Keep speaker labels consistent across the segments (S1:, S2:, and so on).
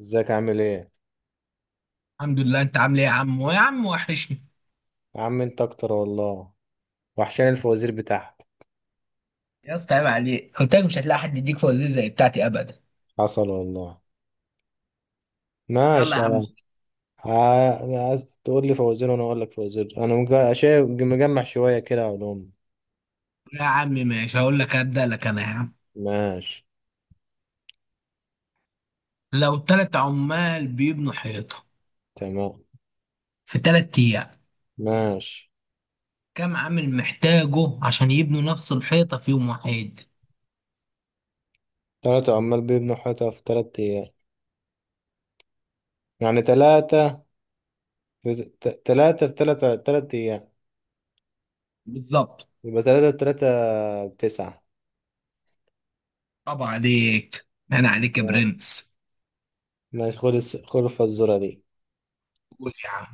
S1: ازيك عامل ايه؟
S2: الحمد لله. انت عامل ايه يا عم؟ ويا عم وحشني.
S1: يا عم انت اكتر والله، وحشان الفوازير بتاعتك.
S2: يا اسطى عيب عليك، قلت لك مش هتلاقي حد يديك فوازير زي بتاعتي ابدا.
S1: حصل والله.
S2: يلا
S1: ماشي
S2: يا
S1: يا
S2: عم
S1: عم.
S2: خش.
S1: عايز تقول لي فوازير وانا اقول لك فوازير، انا شايف مجمع شويه كده علوم.
S2: يا عم ماشي، هقول لك ابدا لك انا يا عم.
S1: ماشي.
S2: لو 3 عمال بيبنوا حيطه
S1: تمام.
S2: في 3 ايام،
S1: ماشي.
S2: كم عامل محتاجه عشان يبنوا نفس الحيطه في يوم واحد؟
S1: تلاتة عمال بيبنوا حيطة في تلات ايام، يعني تلاتة في تلاتة في تلاتة تلات ايام،
S2: بالظبط.
S1: يبقى تلاتة في تلاتة بتسعة.
S2: طبعا عليك. انا عليك يا
S1: تمام.
S2: برنس.
S1: ماشي، خد الفزورة دي.
S2: قول يا عم.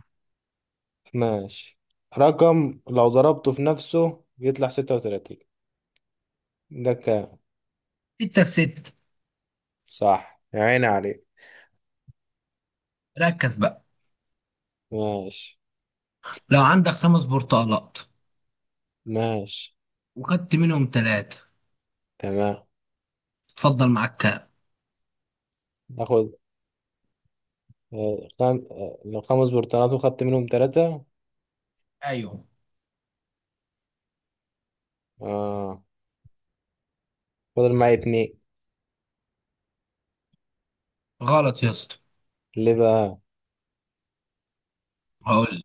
S1: ماشي. رقم لو ضربته في نفسه يطلع ستة وتلاتين، ذكاء.
S2: ستة في ستة.
S1: صح يا عيني عليك.
S2: ركز بقى.
S1: ماشي.
S2: لو عندك 5 برتقالات
S1: ماشي.
S2: وخدت منهم 3،
S1: تمام.
S2: اتفضل معاك كام؟
S1: ناخد آه، خم... آه، لو خمس برتقانات وخدت منهم ثلاثة.
S2: ايوه.
S1: اه، فضل معايا اتنين.
S2: غلط يا اسطى.
S1: ليه بقى؟
S2: هقول.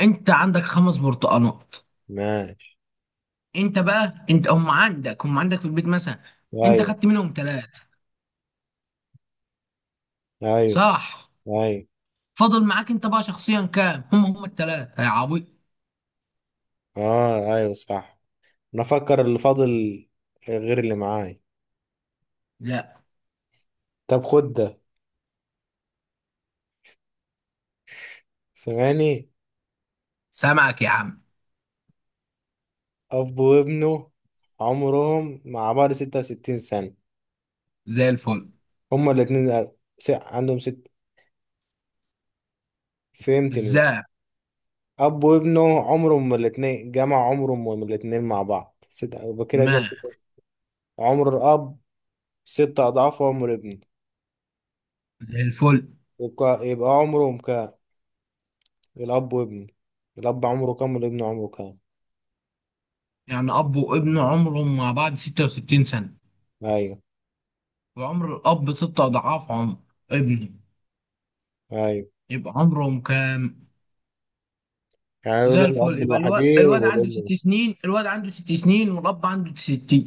S2: انت عندك 5 برتقانات.
S1: ماشي.
S2: انت هم عندك في البيت مثلا. انت
S1: ايوه.
S2: خدت منهم 3،
S1: ايوه.
S2: صح؟
S1: ايوه.
S2: فاضل معاك انت بقى شخصيا كام؟ هم 3 يا عبيط.
S1: اه ايوه صح، انا افكر اللي فاضل غير اللي معايا.
S2: لا.
S1: طب خد ده، سمعني.
S2: سامعك يا عم.
S1: اب وابنه عمرهم مع بعض ستة وستين سنة،
S2: زي الفل.
S1: هما الاتنين عندهم ست، فهمتني؟
S2: ازاي؟
S1: اب وابنه عمرهم ما الاتنين، جمع عمرهم ما الاتنين مع بعض ست، يبقى كده كان
S2: ما
S1: عمر الاب ست اضعاف عمر ابنه،
S2: زي الفل.
S1: يبقى عمرهم كام؟ الاب وابنه، الاب عمره كام والابن عمره كام؟
S2: يعني اب وابن عمرهم مع بعض 66 سنة،
S1: ايوه.
S2: وعمر الاب 6 اضعاف عمر ابنه،
S1: ايوه.
S2: يبقى عمرهم كام؟
S1: يعني يقول
S2: زي الفل.
S1: الاب
S2: يبقى
S1: الوحيد والابن لوحده.
S2: الواد عنده ست سنين والاب عنده 60.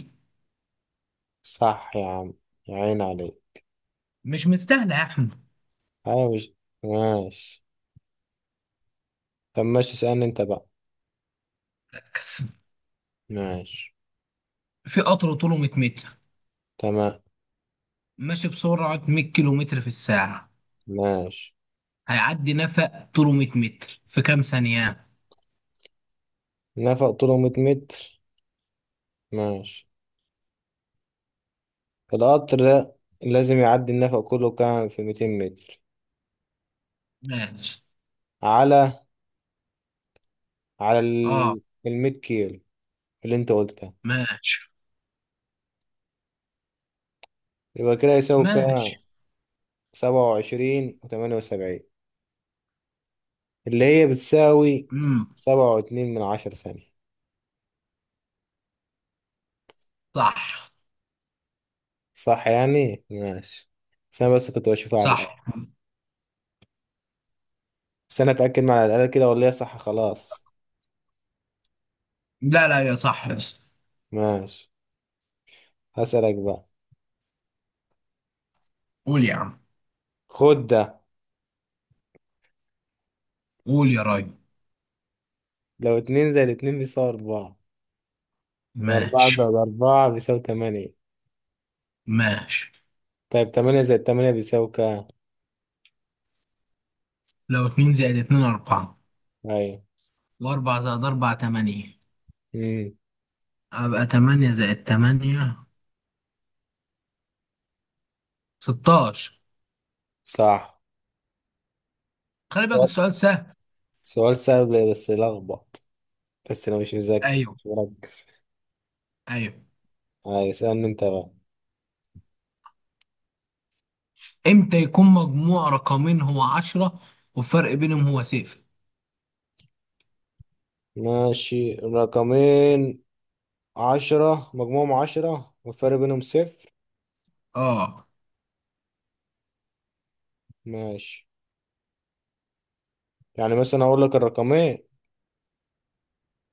S1: صح يا عم، يا عين عليك.
S2: مش مستاهله يا احمد.
S1: ايوه مش. ماشي. طب ماشي، اسألني انت بقى.
S2: مركز.
S1: ماشي.
S2: في قطر طوله 100 متر،
S1: تمام.
S2: ماشي بسرعة 100 كيلو متر في الساعة،
S1: ماشي.
S2: هيعدي نفق طوله 100 متر في كام ثانية؟
S1: نفق طوله 100 متر، ماشي. القطر لازم يعدي النفق كله، كام في 200 متر
S2: ماشي.
S1: على على
S2: اه.
S1: ال 100 كيلو اللي انت قلتها،
S2: ماشي.
S1: يبقى كده يساوي كام.
S2: ماشي.
S1: 27 و78 اللي هي بتساوي
S2: امم
S1: 7.2 من عشر ثانية.
S2: صح.
S1: صح يعني، ماشي. بس انا بس كنت بشوفها على
S2: صح.
S1: الأقل، بس انا اتأكد مع على الأقل كده ولا هي صح خلاص.
S2: لا لا، يا صح يا اسطى.
S1: ماشي. هسألك بقى،
S2: قول يا عم.
S1: خد ده.
S2: قول يا راجل.
S1: لو اتنين زائد اتنين بيساوي أربعة، وأربعة
S2: ماشي.
S1: زائد أربعة بيساوي تمانية،
S2: ماشي.
S1: طيب تمانية زائد تمانية بيساوي كام؟
S2: لو 2 زائد 2 4،
S1: ايوه.
S2: و4 زائد 4 8،
S1: امم
S2: أبقى 8 زائد 8 16.
S1: صح.
S2: خلي بالك
S1: سؤال،
S2: السؤال سهل.
S1: سؤال سهل بس لخبط، بس انا مش مذاكر
S2: أيوه.
S1: مش مركز.
S2: أيوه.
S1: ايوه، اسألني انت بقى.
S2: امتى يكون مجموع رقمين هو 10 والفرق بينهم هو 0؟
S1: ماشي، رقمين، عشرة، مجموعهم عشرة والفرق بينهم صفر.
S2: اه.
S1: ماشي. يعني مثلا اقول لك الرقمين،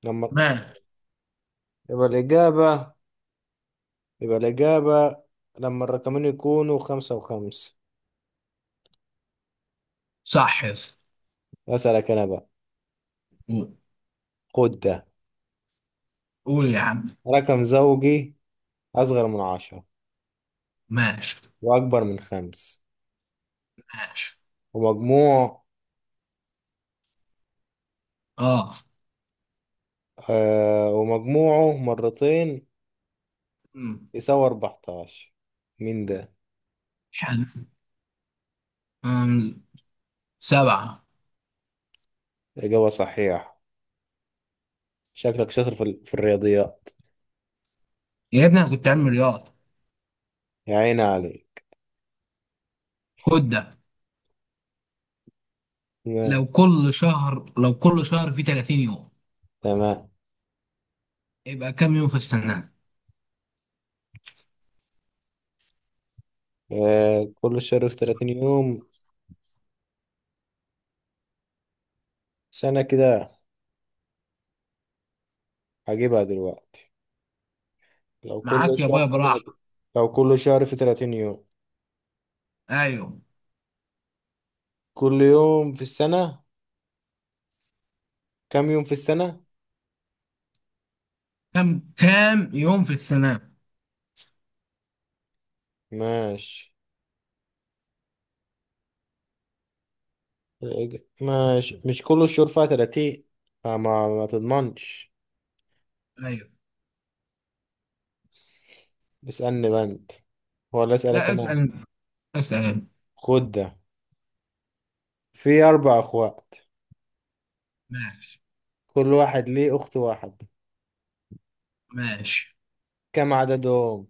S1: لما
S2: ماشي.
S1: يبقى الإجابة، يبقى الإجابة لما الرقمين يكونوا خمسة وخمسة.
S2: صح يا اسطى.
S1: أسألك أنا بقى،
S2: قول.
S1: خد ده.
S2: قول يا عم.
S1: رقم زوجي أصغر من عشرة
S2: ماشي.
S1: وأكبر من خمس،
S2: ماشي.
S1: ومجموع
S2: اه.
S1: ومجموعه مرتين
S2: أمم.
S1: يساوي 14، مين ده؟
S2: حلو. أمم. 7.
S1: إجابة صحيحة، شكلك شاطر في الرياضيات.
S2: يا ابني انا كنت علمي رياضة.
S1: يا عيني عليك.
S2: خد ده.
S1: تمام.
S2: لو كل شهر فيه 30 يوم،
S1: تمام.
S2: يبقى كام يوم في السنة؟
S1: آه، كل شهر في 30 يوم، سنة كده، هجيبها دلوقتي. لو كل
S2: معاك يا
S1: شهر
S2: بابا
S1: في 30،
S2: براحة.
S1: لو كل شهر في 30 يوم،
S2: ايوه.
S1: كل يوم في السنة، كم يوم في السنة؟
S2: كام يوم في السنة؟
S1: ماشي، ماشي، مش كل الشهور فيها 30، فما ما تضمنش.
S2: ايوه.
S1: اسألني بقى انت ولا اسألك
S2: لا
S1: انا؟
S2: اسأل انت. اسأل انت.
S1: خد ده، في أربع أخوات،
S2: ماشي.
S1: كل واحد ليه أخت واحد،
S2: ماشي.
S1: كم عددهم؟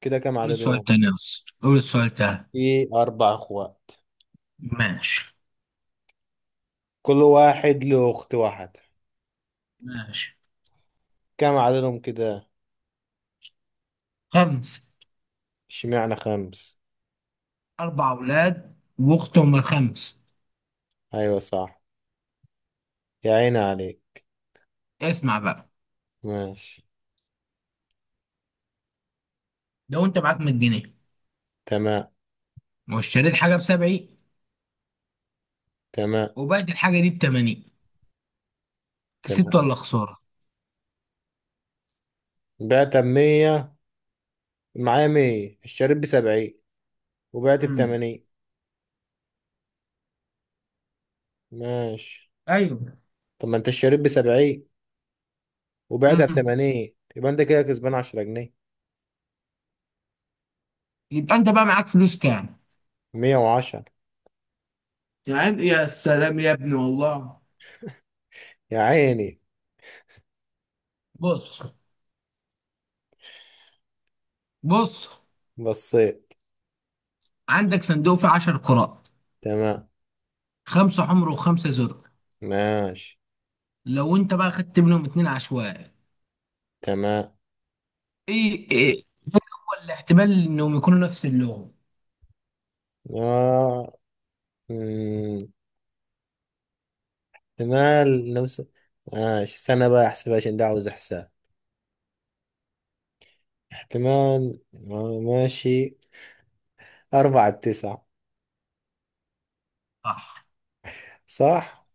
S1: كده كم
S2: قول السؤال
S1: عددهم؟
S2: تاني يا اسطى، قول السؤال تاني.
S1: في أربع أخوات،
S2: ماشي.
S1: كل واحد له أخت واحد،
S2: ماشي.
S1: كم عددهم كده؟
S2: خمس.
S1: اشمعنى خمس؟
S2: 4 أولاد وأختهم الخمس.
S1: أيوة صح، يا عيني عليك.
S2: اسمع بقى.
S1: ماشي.
S2: لو أنت معاك 100 جنيه،
S1: تمام.
S2: واشتريت حاجة بسبعين،
S1: تمام.
S2: وبعت الحاجة دي بتمانين، كسبت
S1: تمام.
S2: ولا خسارة؟
S1: بعت بمية، معايا مية، اشتريت بسبعين وبعت
S2: امم.
S1: بتمانين. ماشي.
S2: ايوه.
S1: طب ما انت اشتريت بسبعين وبعتها
S2: امم.
S1: بتمانين، يبقى انت كده كسبان عشرة جنيه.
S2: يبقى أنت بقى معاك فلوس كام؟
S1: مية وعشرة.
S2: يعني يا سلام يا ابني والله.
S1: يا عيني.
S2: بص. بص.
S1: بصيت.
S2: عندك صندوق فيه 10 كرات،
S1: تمام.
S2: 5 حمر وخمسة زرق.
S1: ماشي.
S2: لو أنت بقى خدت منهم 2 عشوائي،
S1: تمام.
S2: إيه، الاحتمال انهم يكونوا نفس اللغة؟
S1: آه. مم. احتمال نفس، ماشي سنة بقى، احسب عشان ده عاوز احساب. احتمال، ماشي. أربعة تسعة.
S2: صح.
S1: صح.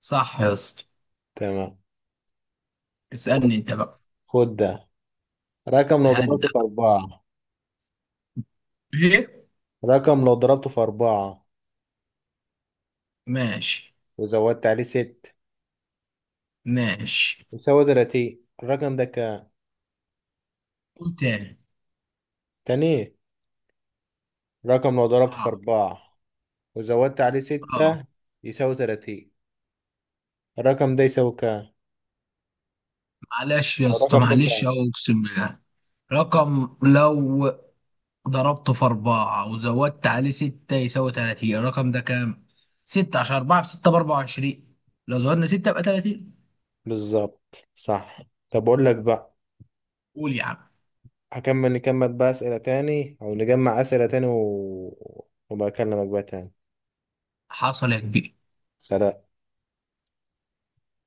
S2: صح يا اسطى.
S1: تمام. خد،
S2: اسألني انت بقى.
S1: خد ده. رقم لو ضربته
S2: هدا.
S1: في أربعة.
S2: ايه.
S1: رقم لو ضربته في أربعة
S2: ماشي.
S1: وزودت عليه ست
S2: ماشي.
S1: يساوي تلاتين، الرقم ده كام؟
S2: قول تاني.
S1: تاني، رقم لو ضربته في
S2: اه.
S1: أربعة وزودت عليه
S2: اه.
S1: ستة يساوي تلاتين، الرقم ده يساوي كام؟
S2: معلش يا اسطى،
S1: الرقم ده
S2: معلش
S1: كام؟
S2: اقسم بالله. رقم لو ضربته في 4 وزودت عليه 6 يساوي 30، الرقم ده كام؟ 6، عشان 4 في 6 بـ24، لو زودنا 6 يبقى 30.
S1: بالظبط صح. طب اقول لك بقى.
S2: قول يا عم.
S1: هكمل، نكمل بقى اسئله تاني، او نجمع اسئله تاني وبكلمك بقى تاني.
S2: حصل يا كبير.
S1: سلام.